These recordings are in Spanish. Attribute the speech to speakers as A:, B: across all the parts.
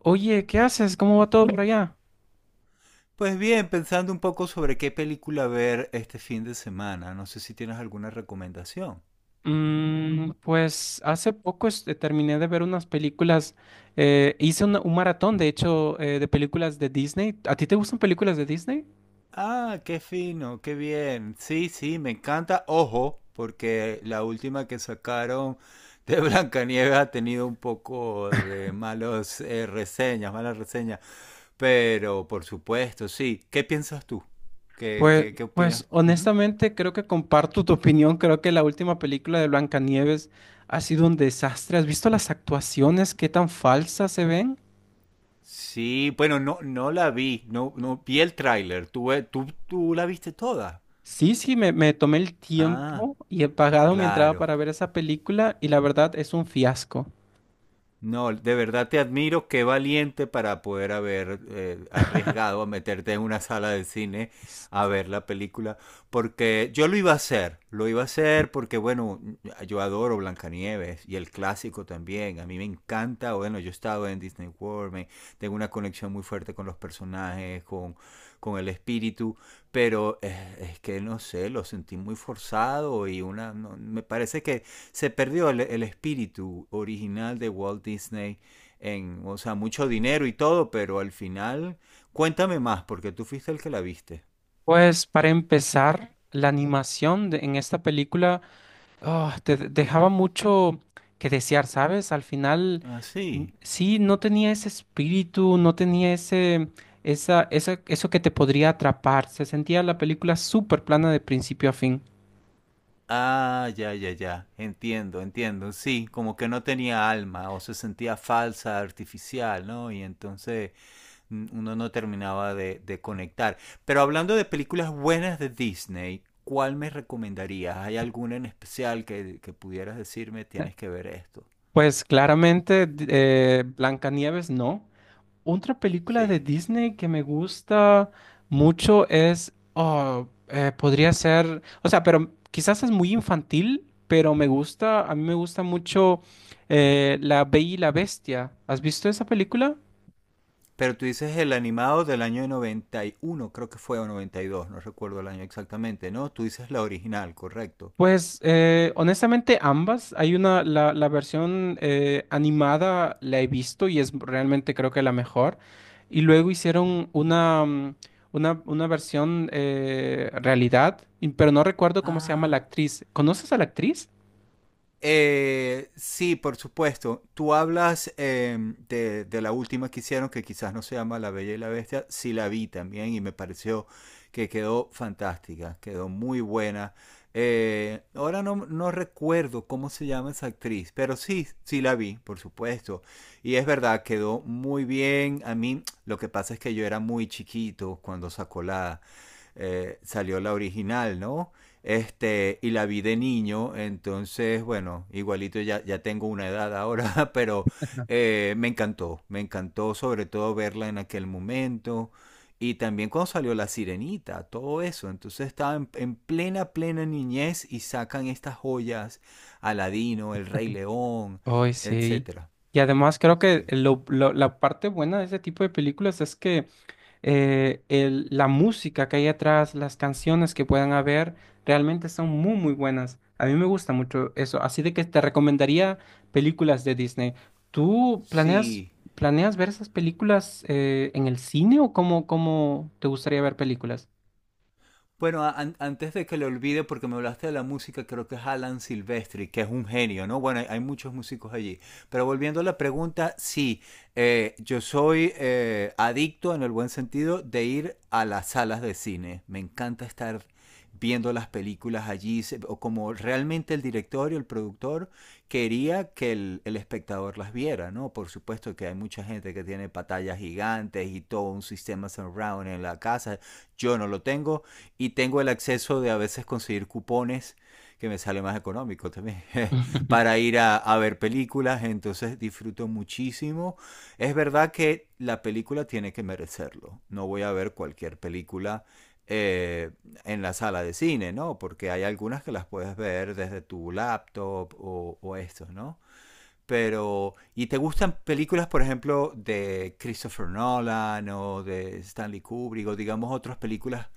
A: Oye, ¿qué haces? ¿Cómo va todo por allá?
B: Pues bien, pensando un poco sobre qué película ver este fin de semana, no sé si tienes alguna recomendación.
A: Pues hace poco terminé de ver unas películas, hice un maratón, de hecho, de películas de Disney. ¿A ti te gustan películas de Disney?
B: Ah, qué fino, qué bien. Sí, sí, me encanta. Ojo, porque la última que sacaron de Blancanieves ha tenido un poco de malos reseñas, malas reseñas. Pero, por supuesto, sí. ¿Qué piensas tú? ¿Qué,
A: Pues,
B: qué, qué
A: pues
B: opinas? Ujú.
A: honestamente creo que comparto tu opinión, creo que la última película de Blancanieves ha sido un desastre. ¿Has visto las actuaciones? ¿Qué tan falsas se ven?
B: Sí, bueno, no, no la vi, no, no vi el tráiler. ¿Tú, tú la viste toda?
A: Sí, sí, me tomé el
B: Ah.
A: tiempo y he pagado mi entrada
B: Claro.
A: para ver esa película y la verdad es un fiasco.
B: No, de verdad te admiro, qué valiente para poder haber arriesgado a meterte en una sala de cine a ver la película, porque yo lo iba a hacer, lo iba a hacer porque, bueno, yo adoro Blancanieves y el clásico también, a mí me encanta, bueno, yo he estado en Disney World, me- tengo una conexión muy fuerte con los personajes, con el espíritu, pero es, que no sé, lo sentí muy forzado y una, no- me parece que se perdió el espíritu original de Walt Disney en, o sea, mucho dinero y todo, pero al final, cuéntame más, porque tú fuiste el que la viste.
A: Pues para empezar, en esta película dejaba mucho que desear, ¿sabes? Al final,
B: Ah, sí.
A: sí, no tenía ese espíritu, no tenía eso que te podría atrapar. Se sentía la película súper plana de principio a fin.
B: Ah, ya, ya, ya. Entiendo, entiendo. Sí, como que no tenía alma o se sentía falsa, artificial, ¿no? Y entonces n- uno no terminaba de conectar. Pero hablando de películas buenas de Disney, ¿cuál me recomendarías? ¿Hay alguna en especial que pudieras decirme
A: Eh,
B: tienes que ver esto?
A: Pues claramente, Blancanieves no. Otra película
B: Sí.
A: de Disney que me gusta mucho es, podría ser, o sea, pero quizás es muy infantil, pero me gusta, a mí me gusta mucho La Bella y la Bestia. ¿Has visto esa película?
B: Pero tú dices el animado del año 91, creo que fue, o 92, no recuerdo el año exactamente, ¿no? Tú dices la original, correcto.
A: Pues honestamente ambas. Hay una, la versión animada la he visto y es realmente creo que la mejor. Y luego hicieron una, una versión realidad, pero no recuerdo cómo se llama la
B: Ah.
A: actriz. ¿Conoces a la actriz?
B: Sí, por supuesto. Tú hablas de la última que hicieron, que quizás no se llama La Bella y la Bestia. Sí la vi también y me pareció que quedó fantástica, quedó muy buena. Ahora no, no recuerdo cómo se llama esa actriz, pero sí, sí la vi, por supuesto. Y es verdad, quedó muy bien. A mí lo que pasa es que yo era muy chiquito cuando sacó la, salió la original, ¿no? Este, y la vi de niño, entonces, bueno, igualito ya, ya tengo una edad ahora, pero me encantó sobre todo verla en aquel momento. Y también cuando salió La Sirenita, todo eso. Entonces estaba en plena, plena niñez y sacan estas joyas, Aladino, El Rey León,
A: Ay, sí.
B: etcétera.
A: Y además creo que
B: Sí.
A: la parte buena de ese tipo de películas es que la música que hay atrás, las canciones que puedan haber, realmente son muy, muy buenas. A mí me gusta mucho eso, así de que te recomendaría películas de Disney. ¿Tú planeas,
B: Sí.
A: planeas ver esas películas en el cine o cómo, cómo te gustaría ver películas?
B: Bueno, an- antes de que lo olvide, porque me hablaste de la música, creo que es Alan Silvestri, que es un genio, ¿no? Bueno, hay muchos músicos allí. Pero volviendo a la pregunta, sí, yo soy adicto en el buen sentido de ir a las salas de cine. Me encanta estar viendo las películas allí, se- o como realmente el director y el productor quería que el espectador las viera, ¿no? Por supuesto que hay mucha gente que tiene pantallas gigantes y todo un sistema surround en la casa. Yo no lo tengo, y tengo el acceso de a veces conseguir cupones que me sale más económico también para ir a, ver películas, entonces disfruto muchísimo. Es verdad que la película tiene que merecerlo, no voy a ver cualquier película eh, en la sala de cine, ¿no? Porque hay algunas que las puedes ver desde tu laptop o esto, ¿no? Pero, ¿y te gustan películas, por ejemplo, de Christopher Nolan o de Stanley Kubrick o digamos otras películas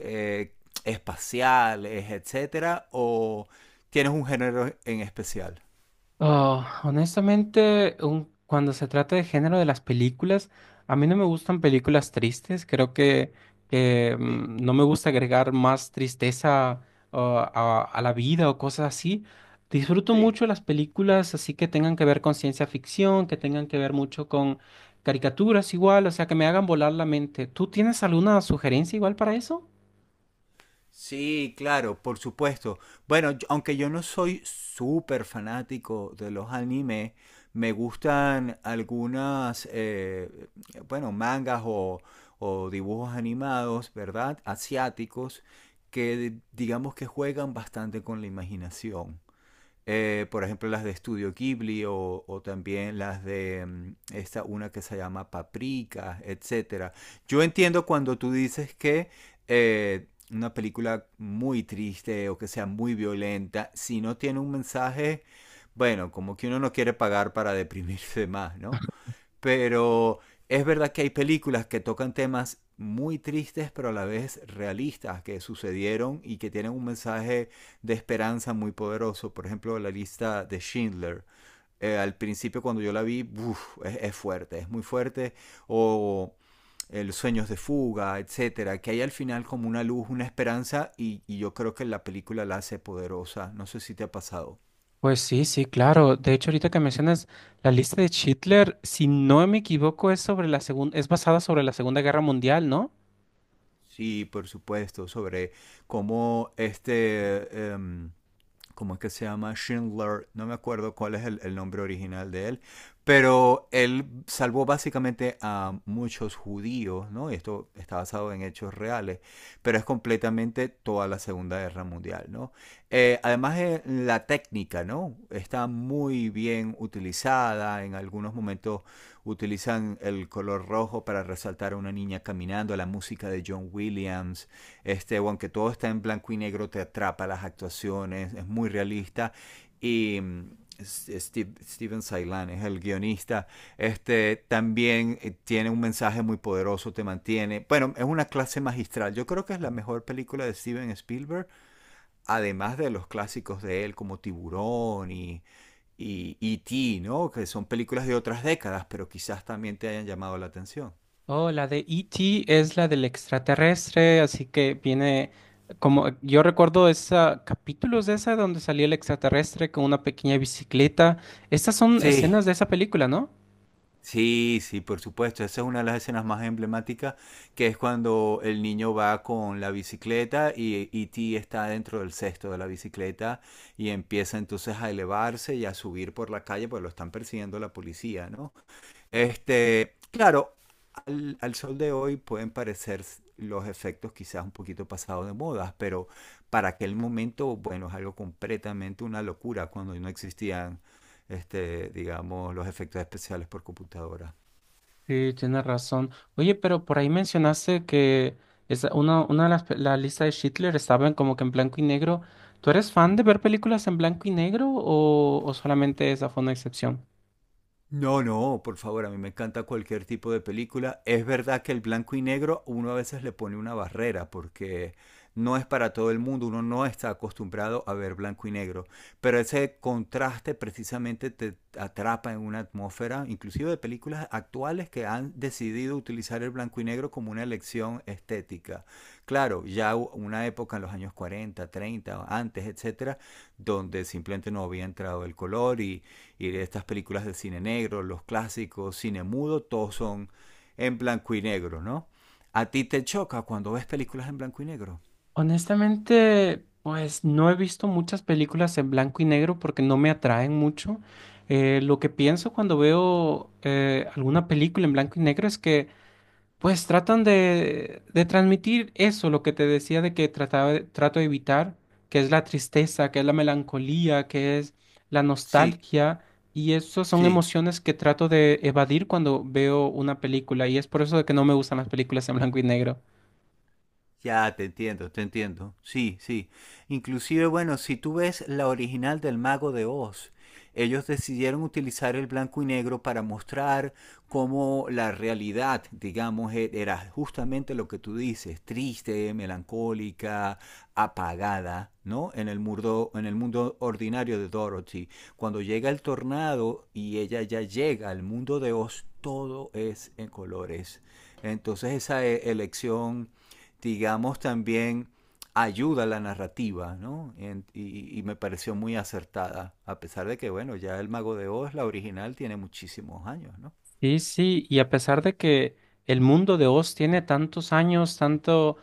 B: eh, espaciales, etcétera? ¿O tienes un género en especial?
A: Ah, honestamente, cuando se trata de género de las películas, a mí no me gustan películas tristes. Creo que,
B: Sí,
A: no me gusta agregar más tristeza a la vida o cosas así. Disfruto
B: sí.
A: mucho las películas así que tengan que ver con ciencia ficción, que tengan que ver mucho con caricaturas igual, o sea, que me hagan volar la mente. ¿Tú tienes alguna sugerencia igual para eso?
B: Sí, claro, por supuesto. Bueno, yo- aunque yo no soy súper fanático de los anime, me gustan algunas, bueno, mangas o dibujos animados, ¿verdad? Asiáticos, que digamos que juegan bastante con la imaginación por ejemplo, las de Studio Ghibli o también las de esta una que se llama Paprika, etcétera. Yo entiendo cuando tú dices que una película muy triste o que sea muy violenta, si no tiene un mensaje, bueno, como que uno no quiere pagar para deprimirse más, ¿no? Pero es verdad que hay películas que tocan temas muy tristes, pero a la vez realistas, que sucedieron y que tienen un mensaje de esperanza muy poderoso. Por ejemplo, la lista de Schindler. Al principio cuando yo la vi, uf, es, fuerte, es muy fuerte. O el Sueños de Fuga, etcétera, que hay al final como una luz, una esperanza, y yo creo que la película la hace poderosa. No sé si te ha pasado.
A: Pues sí, sí, claro. De hecho, ahorita que mencionas la lista de Hitler, si no me equivoco, es sobre la segunda, es basada sobre la Segunda Guerra Mundial, ¿no?
B: Sí, por supuesto, sobre cómo este, ¿cómo es que se llama? Schindler, no me acuerdo cuál es el nombre original de él, pero él salvó básicamente a muchos judíos, ¿no? Y esto está basado en hechos reales, pero es completamente toda la Segunda Guerra Mundial, ¿no? Además, la técnica, ¿no? Está muy bien utilizada, en algunos momentos utilizan el color rojo para resaltar a una niña caminando, la música de John Williams, este, aunque todo está en blanco y negro, te atrapa las actuaciones, es muy realista y Steven Sailan es el guionista. Este también tiene un mensaje muy poderoso, te mantiene. Bueno, es una clase magistral. Yo creo que es la mejor película de Steven Spielberg además de los clásicos de él como Tiburón y E.T., ¿no? Que son películas de otras décadas, pero quizás también te hayan llamado la atención.
A: Oh, la de E.T. es la del extraterrestre, así que viene como yo recuerdo esa capítulos de esa donde salía el extraterrestre con una pequeña bicicleta. Estas son
B: Sí,
A: escenas de esa película, ¿no?
B: sí, sí, por supuesto. Esa es una de las escenas más emblemáticas, que es cuando el niño va con la bicicleta y E.T. está dentro del cesto de la bicicleta y empieza entonces a elevarse y a subir por la calle, pues lo están persiguiendo la policía, ¿no? Este, claro, al, al sol de hoy pueden parecer s- los efectos quizás un poquito pasados de moda, pero para aquel momento, bueno, es algo completamente una locura cuando no existían, este, digamos, los efectos especiales por computadora.
A: Sí, tienes razón. Oye, pero por ahí mencionaste que una de las la lista de Schindler estaba en como que en blanco y negro. ¿Tú eres fan de ver películas en blanco y negro o solamente esa fue una excepción?
B: No, no, por favor, a mí me encanta cualquier tipo de película. Es verdad que el blanco y negro uno a veces le pone una barrera porque no es para todo el mundo, uno no está acostumbrado a ver blanco y negro, pero ese contraste precisamente te atrapa en una atmósfera, inclusive de películas actuales que han decidido utilizar el blanco y negro como una elección estética. Claro, ya hu- una época en los años 40, 30, antes, etcétera, donde simplemente no había entrado el color y de estas películas de cine negro, los clásicos, cine mudo, todos son en blanco y negro, ¿no? ¿A ti te choca cuando ves películas en blanco y negro?
A: Honestamente, pues no he visto muchas películas en blanco y negro porque no me atraen mucho. Lo que pienso cuando veo alguna película en blanco y negro es que pues tratan de transmitir eso, lo que te decía de que trato de evitar, que es la tristeza, que es la melancolía, que es la
B: Sí,
A: nostalgia, y esas son
B: sí.
A: emociones que trato de evadir cuando veo una película, y es por eso de que no me gustan las películas en blanco y negro.
B: Ya, te entiendo, te entiendo. Sí, sí. Inclusive, bueno, si tú ves la original del Mago de Oz, ellos decidieron utilizar el blanco y negro para mostrar cómo la realidad, digamos, e- era justamente lo que tú dices, triste, melancólica, apagada, ¿no? En el mundo ordinario de Dorothy. Cuando llega el tornado y ella ya llega al mundo de Oz, todo es en colores. Entonces esa e- elección digamos, también ayuda a la narrativa, ¿no? En- y me pareció muy acertada, a pesar de que, bueno, ya El Mago de Oz, la original, tiene muchísimos años, ¿no?
A: Sí, sí, y a pesar de que el mundo de Oz tiene tantos años, tanto,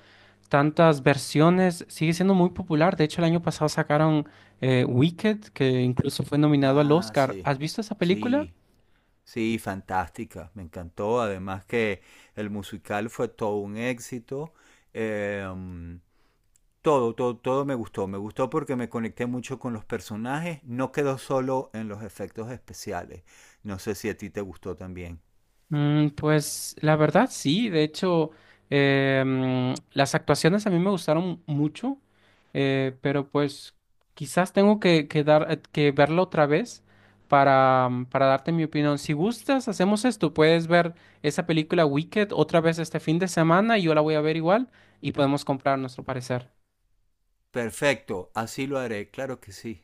A: tantas versiones, sigue siendo muy popular. De hecho, el año pasado sacaron Wicked, que incluso fue nominado al
B: Ah,
A: Oscar.
B: sí,
A: ¿Has visto esa película?
B: sí, sí, fantástica, me encantó, además que el musical fue todo un éxito, em, todo, todo, todo me gustó porque me conecté mucho con los personajes, no quedó solo en los efectos especiales, no sé si a ti te gustó también.
A: Pues la verdad sí, de hecho las actuaciones a mí me gustaron mucho, pero pues quizás tengo que dar, que verlo otra vez para, para darte mi opinión. Si gustas, hacemos esto, puedes ver esa película Wicked otra vez este fin de semana y yo la voy a ver igual y podemos comprar nuestro parecer.
B: Perfecto, así lo haré, claro que sí.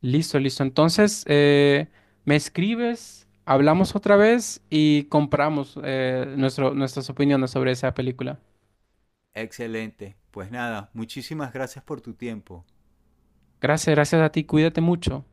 A: Listo, listo. Entonces, me escribes, hablamos otra vez y compramos nuestras opiniones sobre esa película.
B: Excelente. Pues nada, muchísimas gracias por tu tiempo.
A: Gracias, gracias a ti. Cuídate mucho.